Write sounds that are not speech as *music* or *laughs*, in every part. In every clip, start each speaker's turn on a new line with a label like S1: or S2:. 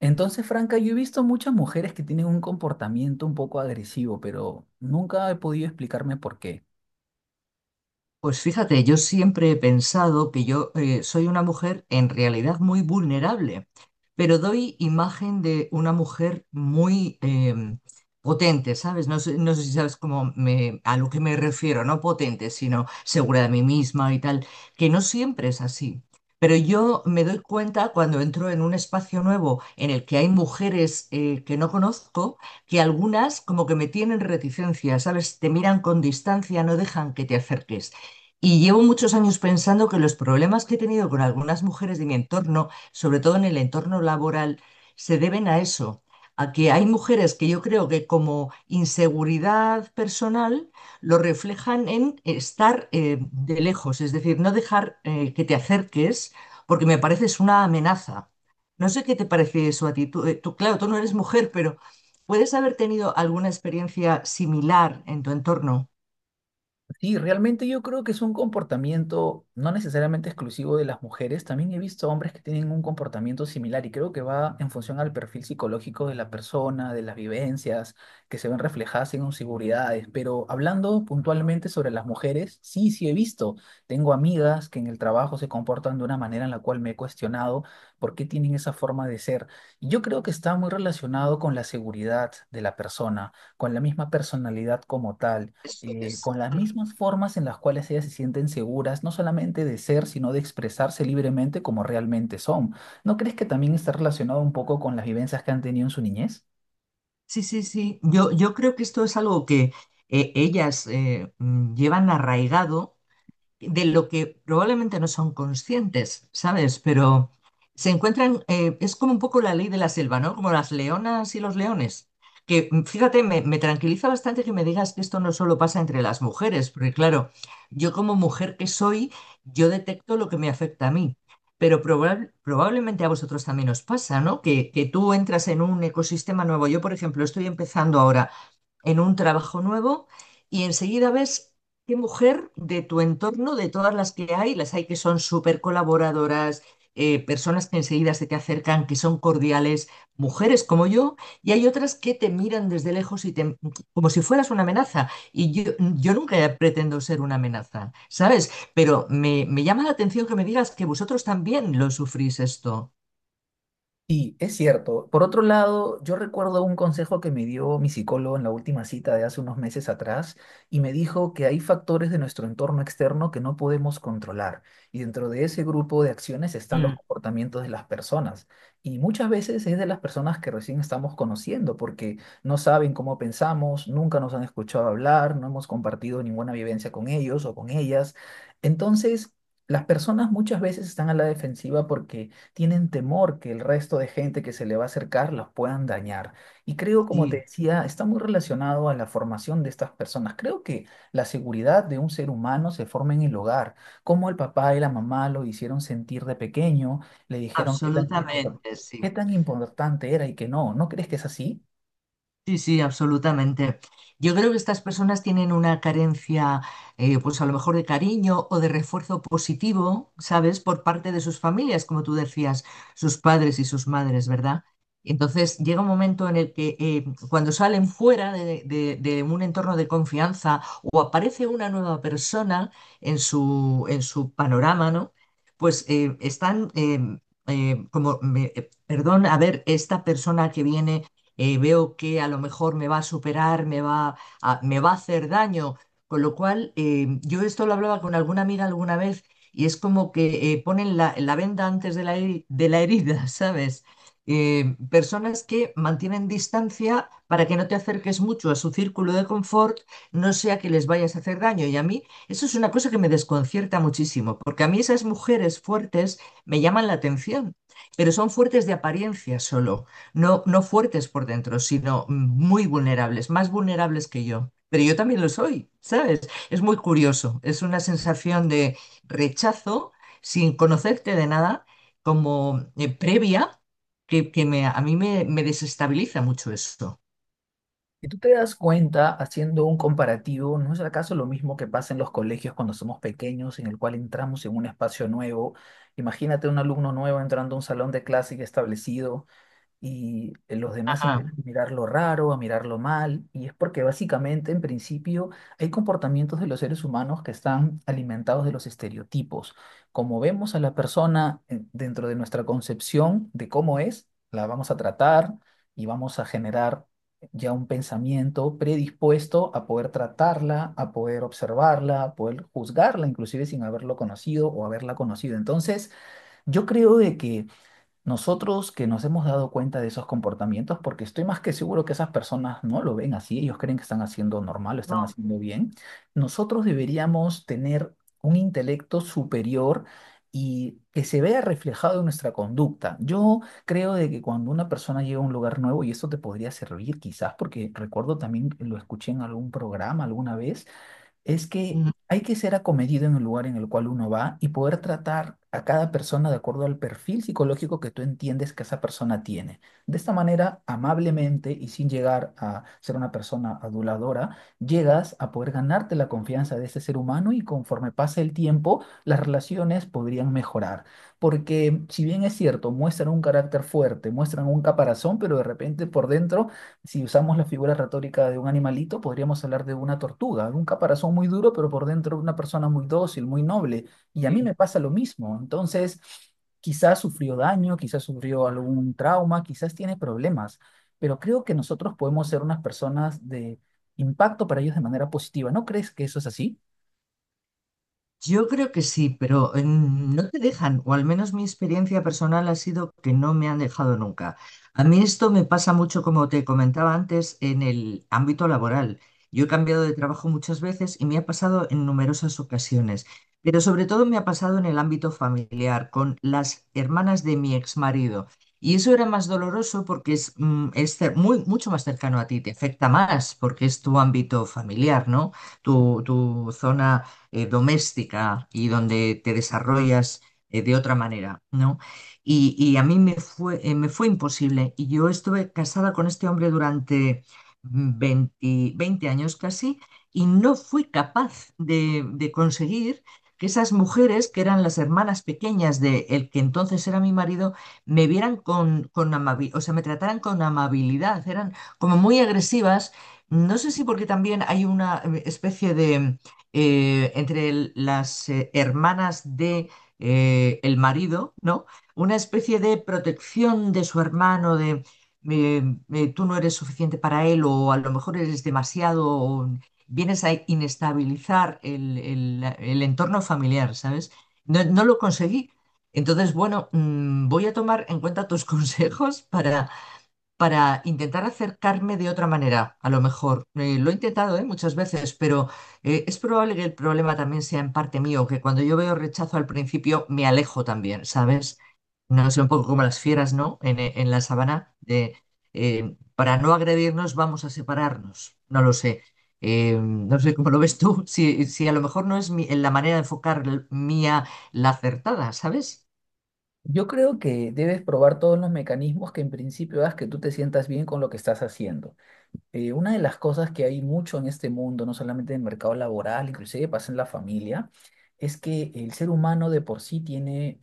S1: Entonces, Franca, yo he visto muchas mujeres que tienen un comportamiento un poco agresivo, pero nunca he podido explicarme por qué.
S2: Pues fíjate, yo siempre he pensado que yo soy una mujer en realidad muy vulnerable, pero doy imagen de una mujer muy potente, ¿sabes? No sé, no sé si sabes cómo me, a lo que me refiero, no potente, sino segura de mí misma y tal, que no siempre es así. Pero yo me doy cuenta cuando entro en un espacio nuevo en el que hay mujeres que no conozco, que algunas como que me tienen reticencia, ¿sabes? Te miran con distancia, no dejan que te acerques. Y llevo muchos años pensando que los problemas que he tenido con algunas mujeres de mi entorno, sobre todo en el entorno laboral, se deben a eso, a que hay mujeres que yo creo que como inseguridad personal lo reflejan en estar de lejos, es decir, no dejar que te acerques porque me pareces una amenaza. No sé qué te parece eso a ti. Tú, tú, claro, tú no eres mujer, pero ¿puedes haber tenido alguna experiencia similar en tu entorno?
S1: Sí, realmente yo creo que es un comportamiento no necesariamente exclusivo de las mujeres. También he visto hombres que tienen un comportamiento similar y creo que va en función al perfil psicológico de la persona, de las vivencias que se ven reflejadas en inseguridades. Pero hablando puntualmente sobre las mujeres, sí, sí he visto. Tengo amigas que en el trabajo se comportan de una manera en la cual me he cuestionado por qué tienen esa forma de ser. Y yo creo que está muy relacionado con la seguridad de la persona, con la misma personalidad como tal,
S2: Eso es.
S1: con las mismas formas en las cuales ellas se sienten seguras, no solamente de ser, sino de expresarse libremente como realmente son. ¿No crees que también está relacionado un poco con las vivencias que han tenido en su niñez?
S2: Sí, sí, sí. Yo creo que esto es algo que llevan arraigado de lo que probablemente no son conscientes, ¿sabes? Pero se encuentran, es como un poco la ley de la selva, ¿no? Como las leonas y los leones. Que fíjate, me tranquiliza bastante que me digas que esto no solo pasa entre las mujeres, porque claro, yo como mujer que soy, yo detecto lo que me afecta a mí. Pero probablemente a vosotros también os pasa, ¿no? Que tú entras en un ecosistema nuevo. Yo, por ejemplo, estoy empezando ahora en un trabajo nuevo y enseguida ves. ¿Qué mujer de tu entorno, de todas las que hay, las hay que son súper colaboradoras, personas que enseguida se te acercan, que son cordiales, mujeres como yo, y hay otras que te miran desde lejos y te, como si fueras una amenaza? Y yo nunca pretendo ser una amenaza, ¿sabes? Pero me llama la atención que me digas que vosotros también lo sufrís esto.
S1: Sí, es cierto. Por otro lado, yo recuerdo un consejo que me dio mi psicólogo en la última cita de hace unos meses atrás y me dijo que hay factores de nuestro entorno externo que no podemos controlar, y dentro de ese grupo de acciones están los
S2: Mm,
S1: comportamientos de las personas, y muchas veces es de las personas que recién estamos conociendo porque no saben cómo pensamos, nunca nos han escuchado hablar, no hemos compartido ninguna vivencia con ellos o con ellas. Entonces, las personas muchas veces están a la defensiva porque tienen temor que el resto de gente que se le va a acercar los puedan dañar. Y creo, como te
S2: sí.
S1: decía, está muy relacionado a la formación de estas personas. Creo que la seguridad de un ser humano se forma en el hogar, como el papá y la mamá lo hicieron sentir de pequeño, le dijeron
S2: Absolutamente, sí.
S1: qué tan importante era y que no. ¿No crees que es así?
S2: Sí, sí, absolutamente. Yo creo que estas personas tienen una carencia, pues a lo mejor de cariño o de refuerzo positivo, ¿sabes? Por parte de sus familias, como tú decías, sus padres y sus madres, ¿verdad? Entonces llega un momento en el que cuando salen fuera de un entorno de confianza o aparece una nueva persona en en su panorama, ¿no? Pues perdón, a ver, esta persona que viene veo que a lo mejor me va a superar, me va a hacer daño. Con lo cual, yo esto lo hablaba con alguna amiga alguna vez y es como que ponen la venda antes de de la herida, *laughs* ¿sabes? Personas que mantienen distancia para que no te acerques mucho a su círculo de confort, no sea que les vayas a hacer daño. Y a mí eso es una cosa que me desconcierta muchísimo, porque a mí esas mujeres fuertes me llaman la atención, pero son fuertes de apariencia solo. No, no fuertes por dentro, sino muy vulnerables, más vulnerables que yo. Pero yo también lo soy, ¿sabes? Es muy curioso. Es una sensación de rechazo sin conocerte de nada, como previa, que me, me desestabiliza mucho esto.
S1: Si tú te das cuenta, haciendo un comparativo, ¿no es acaso lo mismo que pasa en los colegios cuando somos pequeños, en el cual entramos en un espacio nuevo? Imagínate un alumno nuevo entrando a un salón de clase ya establecido y los demás
S2: Ajá.
S1: empiezan a mirarlo raro, a mirarlo mal, y es porque básicamente, en principio, hay comportamientos de los seres humanos que están alimentados de los estereotipos. Como vemos a la persona, dentro de nuestra concepción de cómo es, la vamos a tratar y vamos a generar ya un pensamiento predispuesto a poder tratarla, a poder observarla, a poder juzgarla, inclusive sin haberlo conocido o haberla conocido. Entonces, yo creo de que nosotros, que nos hemos dado cuenta de esos comportamientos, porque estoy más que seguro que esas personas no lo ven así, ellos creen que están haciendo normal, lo están
S2: No.
S1: haciendo bien, nosotros deberíamos tener un intelecto superior y que se vea reflejado en nuestra conducta. Yo creo de que cuando una persona llega a un lugar nuevo, y esto te podría servir quizás, porque recuerdo también, lo escuché en algún programa alguna vez, es que hay que ser acomedido en el lugar en el cual uno va y poder tratar a cada persona de acuerdo al perfil psicológico que tú entiendes que esa persona tiene. De esta manera, amablemente y sin llegar a ser una persona aduladora, llegas a poder ganarte la confianza de ese ser humano y, conforme pasa el tiempo, las relaciones podrían mejorar. Porque si bien es cierto, muestran un carácter fuerte, muestran un caparazón, pero de repente por dentro, si usamos la figura retórica de un animalito, podríamos hablar de una tortuga, un caparazón muy duro, pero por dentro una persona muy dócil, muy noble. Y a mí
S2: Ujú.
S1: me pasa lo mismo. Entonces, quizás sufrió daño, quizás sufrió algún trauma, quizás tiene problemas, pero creo que nosotros podemos ser unas personas de impacto para ellos de manera positiva. ¿No crees que eso es así?
S2: Yo creo que sí, pero no te dejan, o al menos mi experiencia personal ha sido que no me han dejado nunca. A mí esto me pasa mucho, como te comentaba antes, en el ámbito laboral. Yo he cambiado de trabajo muchas veces y me ha pasado en numerosas ocasiones, pero sobre todo me ha pasado en el ámbito familiar, con las hermanas de mi ex marido. Y eso era más doloroso porque es, mucho más cercano a ti, te afecta más porque es tu ámbito familiar, ¿no? Tu zona doméstica y donde te desarrollas de otra manera, ¿no? Y a me fue imposible. Y yo estuve casada con este hombre durante 20 20 años casi y no fui capaz de conseguir que esas mujeres, que eran las hermanas pequeñas de el que entonces era mi marido, me vieran con amabilidad, o sea, me trataran con amabilidad, eran como muy agresivas. No sé si porque también hay una especie de, entre el- las hermanas de el marido, ¿no? Una especie de protección de su hermano, de eh, tú no eres suficiente para él o a lo mejor eres demasiado, o vienes a inestabilizar el entorno familiar, ¿sabes? No, no lo conseguí. Entonces, bueno, voy a tomar en cuenta tus *laughs* consejos para intentar acercarme de otra manera, a lo mejor. Lo he intentado, muchas veces, pero es probable que el problema también sea en parte mío, que cuando yo veo rechazo al principio me alejo también, ¿sabes? No sé, un poco como las fieras, ¿no? En la sabana, para no agredirnos vamos a separarnos, no lo sé. No sé cómo lo ves tú, si a lo mejor no es la manera de enfocar mía la acertada, ¿sabes?
S1: Yo creo que debes probar todos los mecanismos que en principio hagas que tú te sientas bien con lo que estás haciendo. Una de las cosas que hay mucho en este mundo, no solamente en el mercado laboral, inclusive pasa en la familia, es que el ser humano de por sí tiene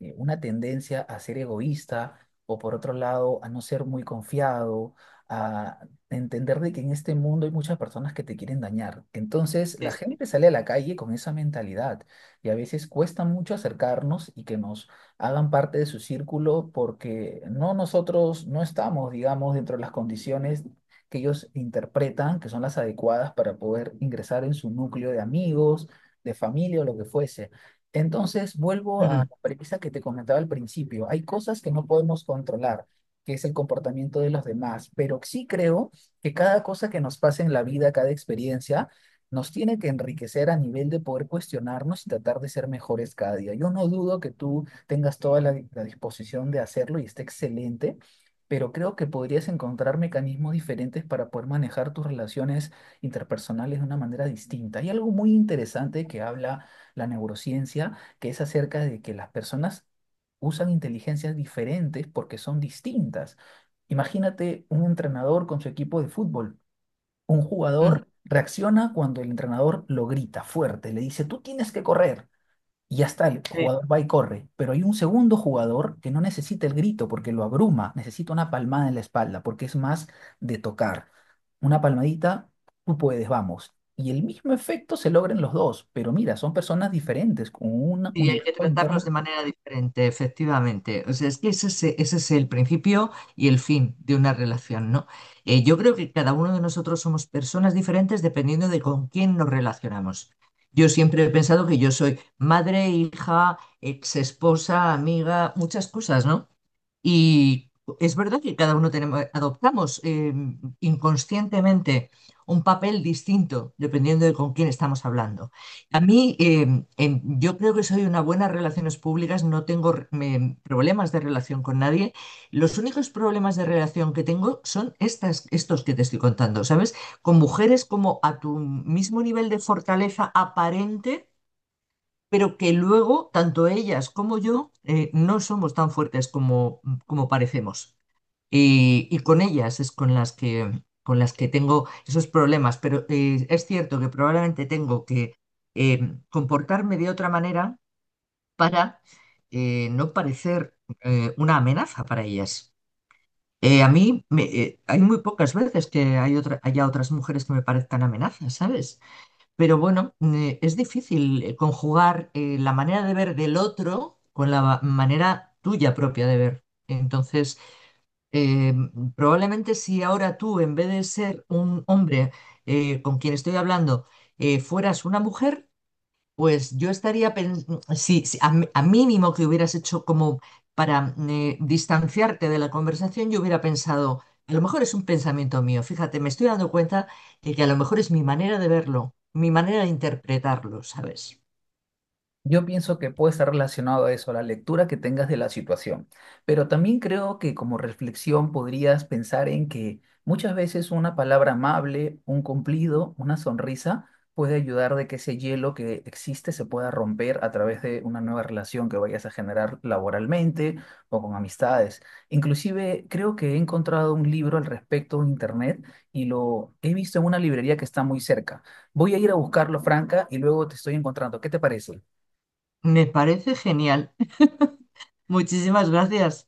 S1: una tendencia a ser egoísta, o por otro lado a no ser muy confiado, a entender de que en este mundo hay muchas personas que te quieren dañar. Entonces
S2: Sí.
S1: la gente sale a la calle con esa mentalidad y a veces cuesta mucho acercarnos y que nos hagan parte de su círculo porque no, nosotros no estamos, digamos, dentro de las condiciones que ellos interpretan que son las adecuadas para poder ingresar en su núcleo de amigos, de familia o lo que fuese. Entonces vuelvo a
S2: Ujú,
S1: premisa que te comentaba al principio. Hay cosas que no podemos controlar, que es el comportamiento de los demás, pero sí creo que cada cosa que nos pasa en la vida, cada experiencia, nos tiene que enriquecer a nivel de poder cuestionarnos y tratar de ser mejores cada día. Yo no dudo que tú tengas toda la disposición de hacerlo y esté excelente. Pero creo que podrías encontrar mecanismos diferentes para poder manejar tus relaciones interpersonales de una manera distinta. Hay algo muy interesante que habla la neurociencia, que es acerca de que las personas usan inteligencias diferentes porque son distintas. Imagínate un entrenador con su equipo de fútbol. Un
S2: ujú.
S1: jugador reacciona cuando el entrenador lo grita fuerte, le dice, tú tienes que correr y ya está, el jugador va y corre, pero hay un segundo jugador que no necesita el grito porque lo abruma, necesita una palmada en la espalda porque es más de tocar. Una palmadita, tú puedes, vamos. Y el mismo efecto se logra en los dos, pero mira, son personas diferentes, con un
S2: Y hay que
S1: universo
S2: tratarlos de
S1: interno.
S2: manera diferente, efectivamente. O sea, es que ese es el principio y el fin de una relación, ¿no? Yo creo que cada uno de nosotros somos personas diferentes dependiendo de con quién nos relacionamos. Yo siempre he pensado que yo soy madre, hija, ex esposa, amiga, muchas cosas, ¿no? Y es verdad que cada uno tenemos, adoptamos inconscientemente un papel distinto dependiendo de con quién estamos hablando. A mí, yo creo que soy una buena en relaciones públicas, no tengo problemas de relación con nadie. Los únicos problemas de relación que tengo son estos que te estoy contando, ¿sabes? Con mujeres como a tu mismo nivel de fortaleza aparente pero que luego, tanto ellas como yo, no somos tan fuertes como, como parecemos. Y con ellas es con con las que tengo esos problemas, pero es cierto que probablemente tengo que eh, comportarme de otra manera para no parecer una amenaza para ellas. Hay muy pocas veces que haya otras mujeres que me parezcan amenazas, ¿sabes? Pero bueno, es difícil conjugar la manera de ver del otro con manera tuya propia de ver. Entonces, eh, probablemente si ahora tú, en vez de ser un hombre con quien estoy hablando, fueras una mujer, pues yo estaría pensando, si a mínimo que hubieras hecho como para distanciarte de la conversación, yo hubiera pensado, a lo mejor es un pensamiento mío, fíjate, me estoy dando cuenta de que a lo mejor es mi manera de verlo, mi manera de interpretarlo, ¿sabes?
S1: Yo pienso que puede estar relacionado a eso, a la lectura que tengas de la situación. Pero también creo que como reflexión podrías pensar en que muchas veces una palabra amable, un cumplido, una sonrisa puede ayudar de que ese hielo que existe se pueda romper a través de una nueva relación que vayas a generar laboralmente o con amistades. Inclusive creo que he encontrado un libro al respecto en internet y lo he visto en una librería que está muy cerca. Voy a ir a buscarlo, Franca, y luego te estoy encontrando. ¿Qué te parece?
S2: Me parece genial. *laughs* Muchísimas gracias.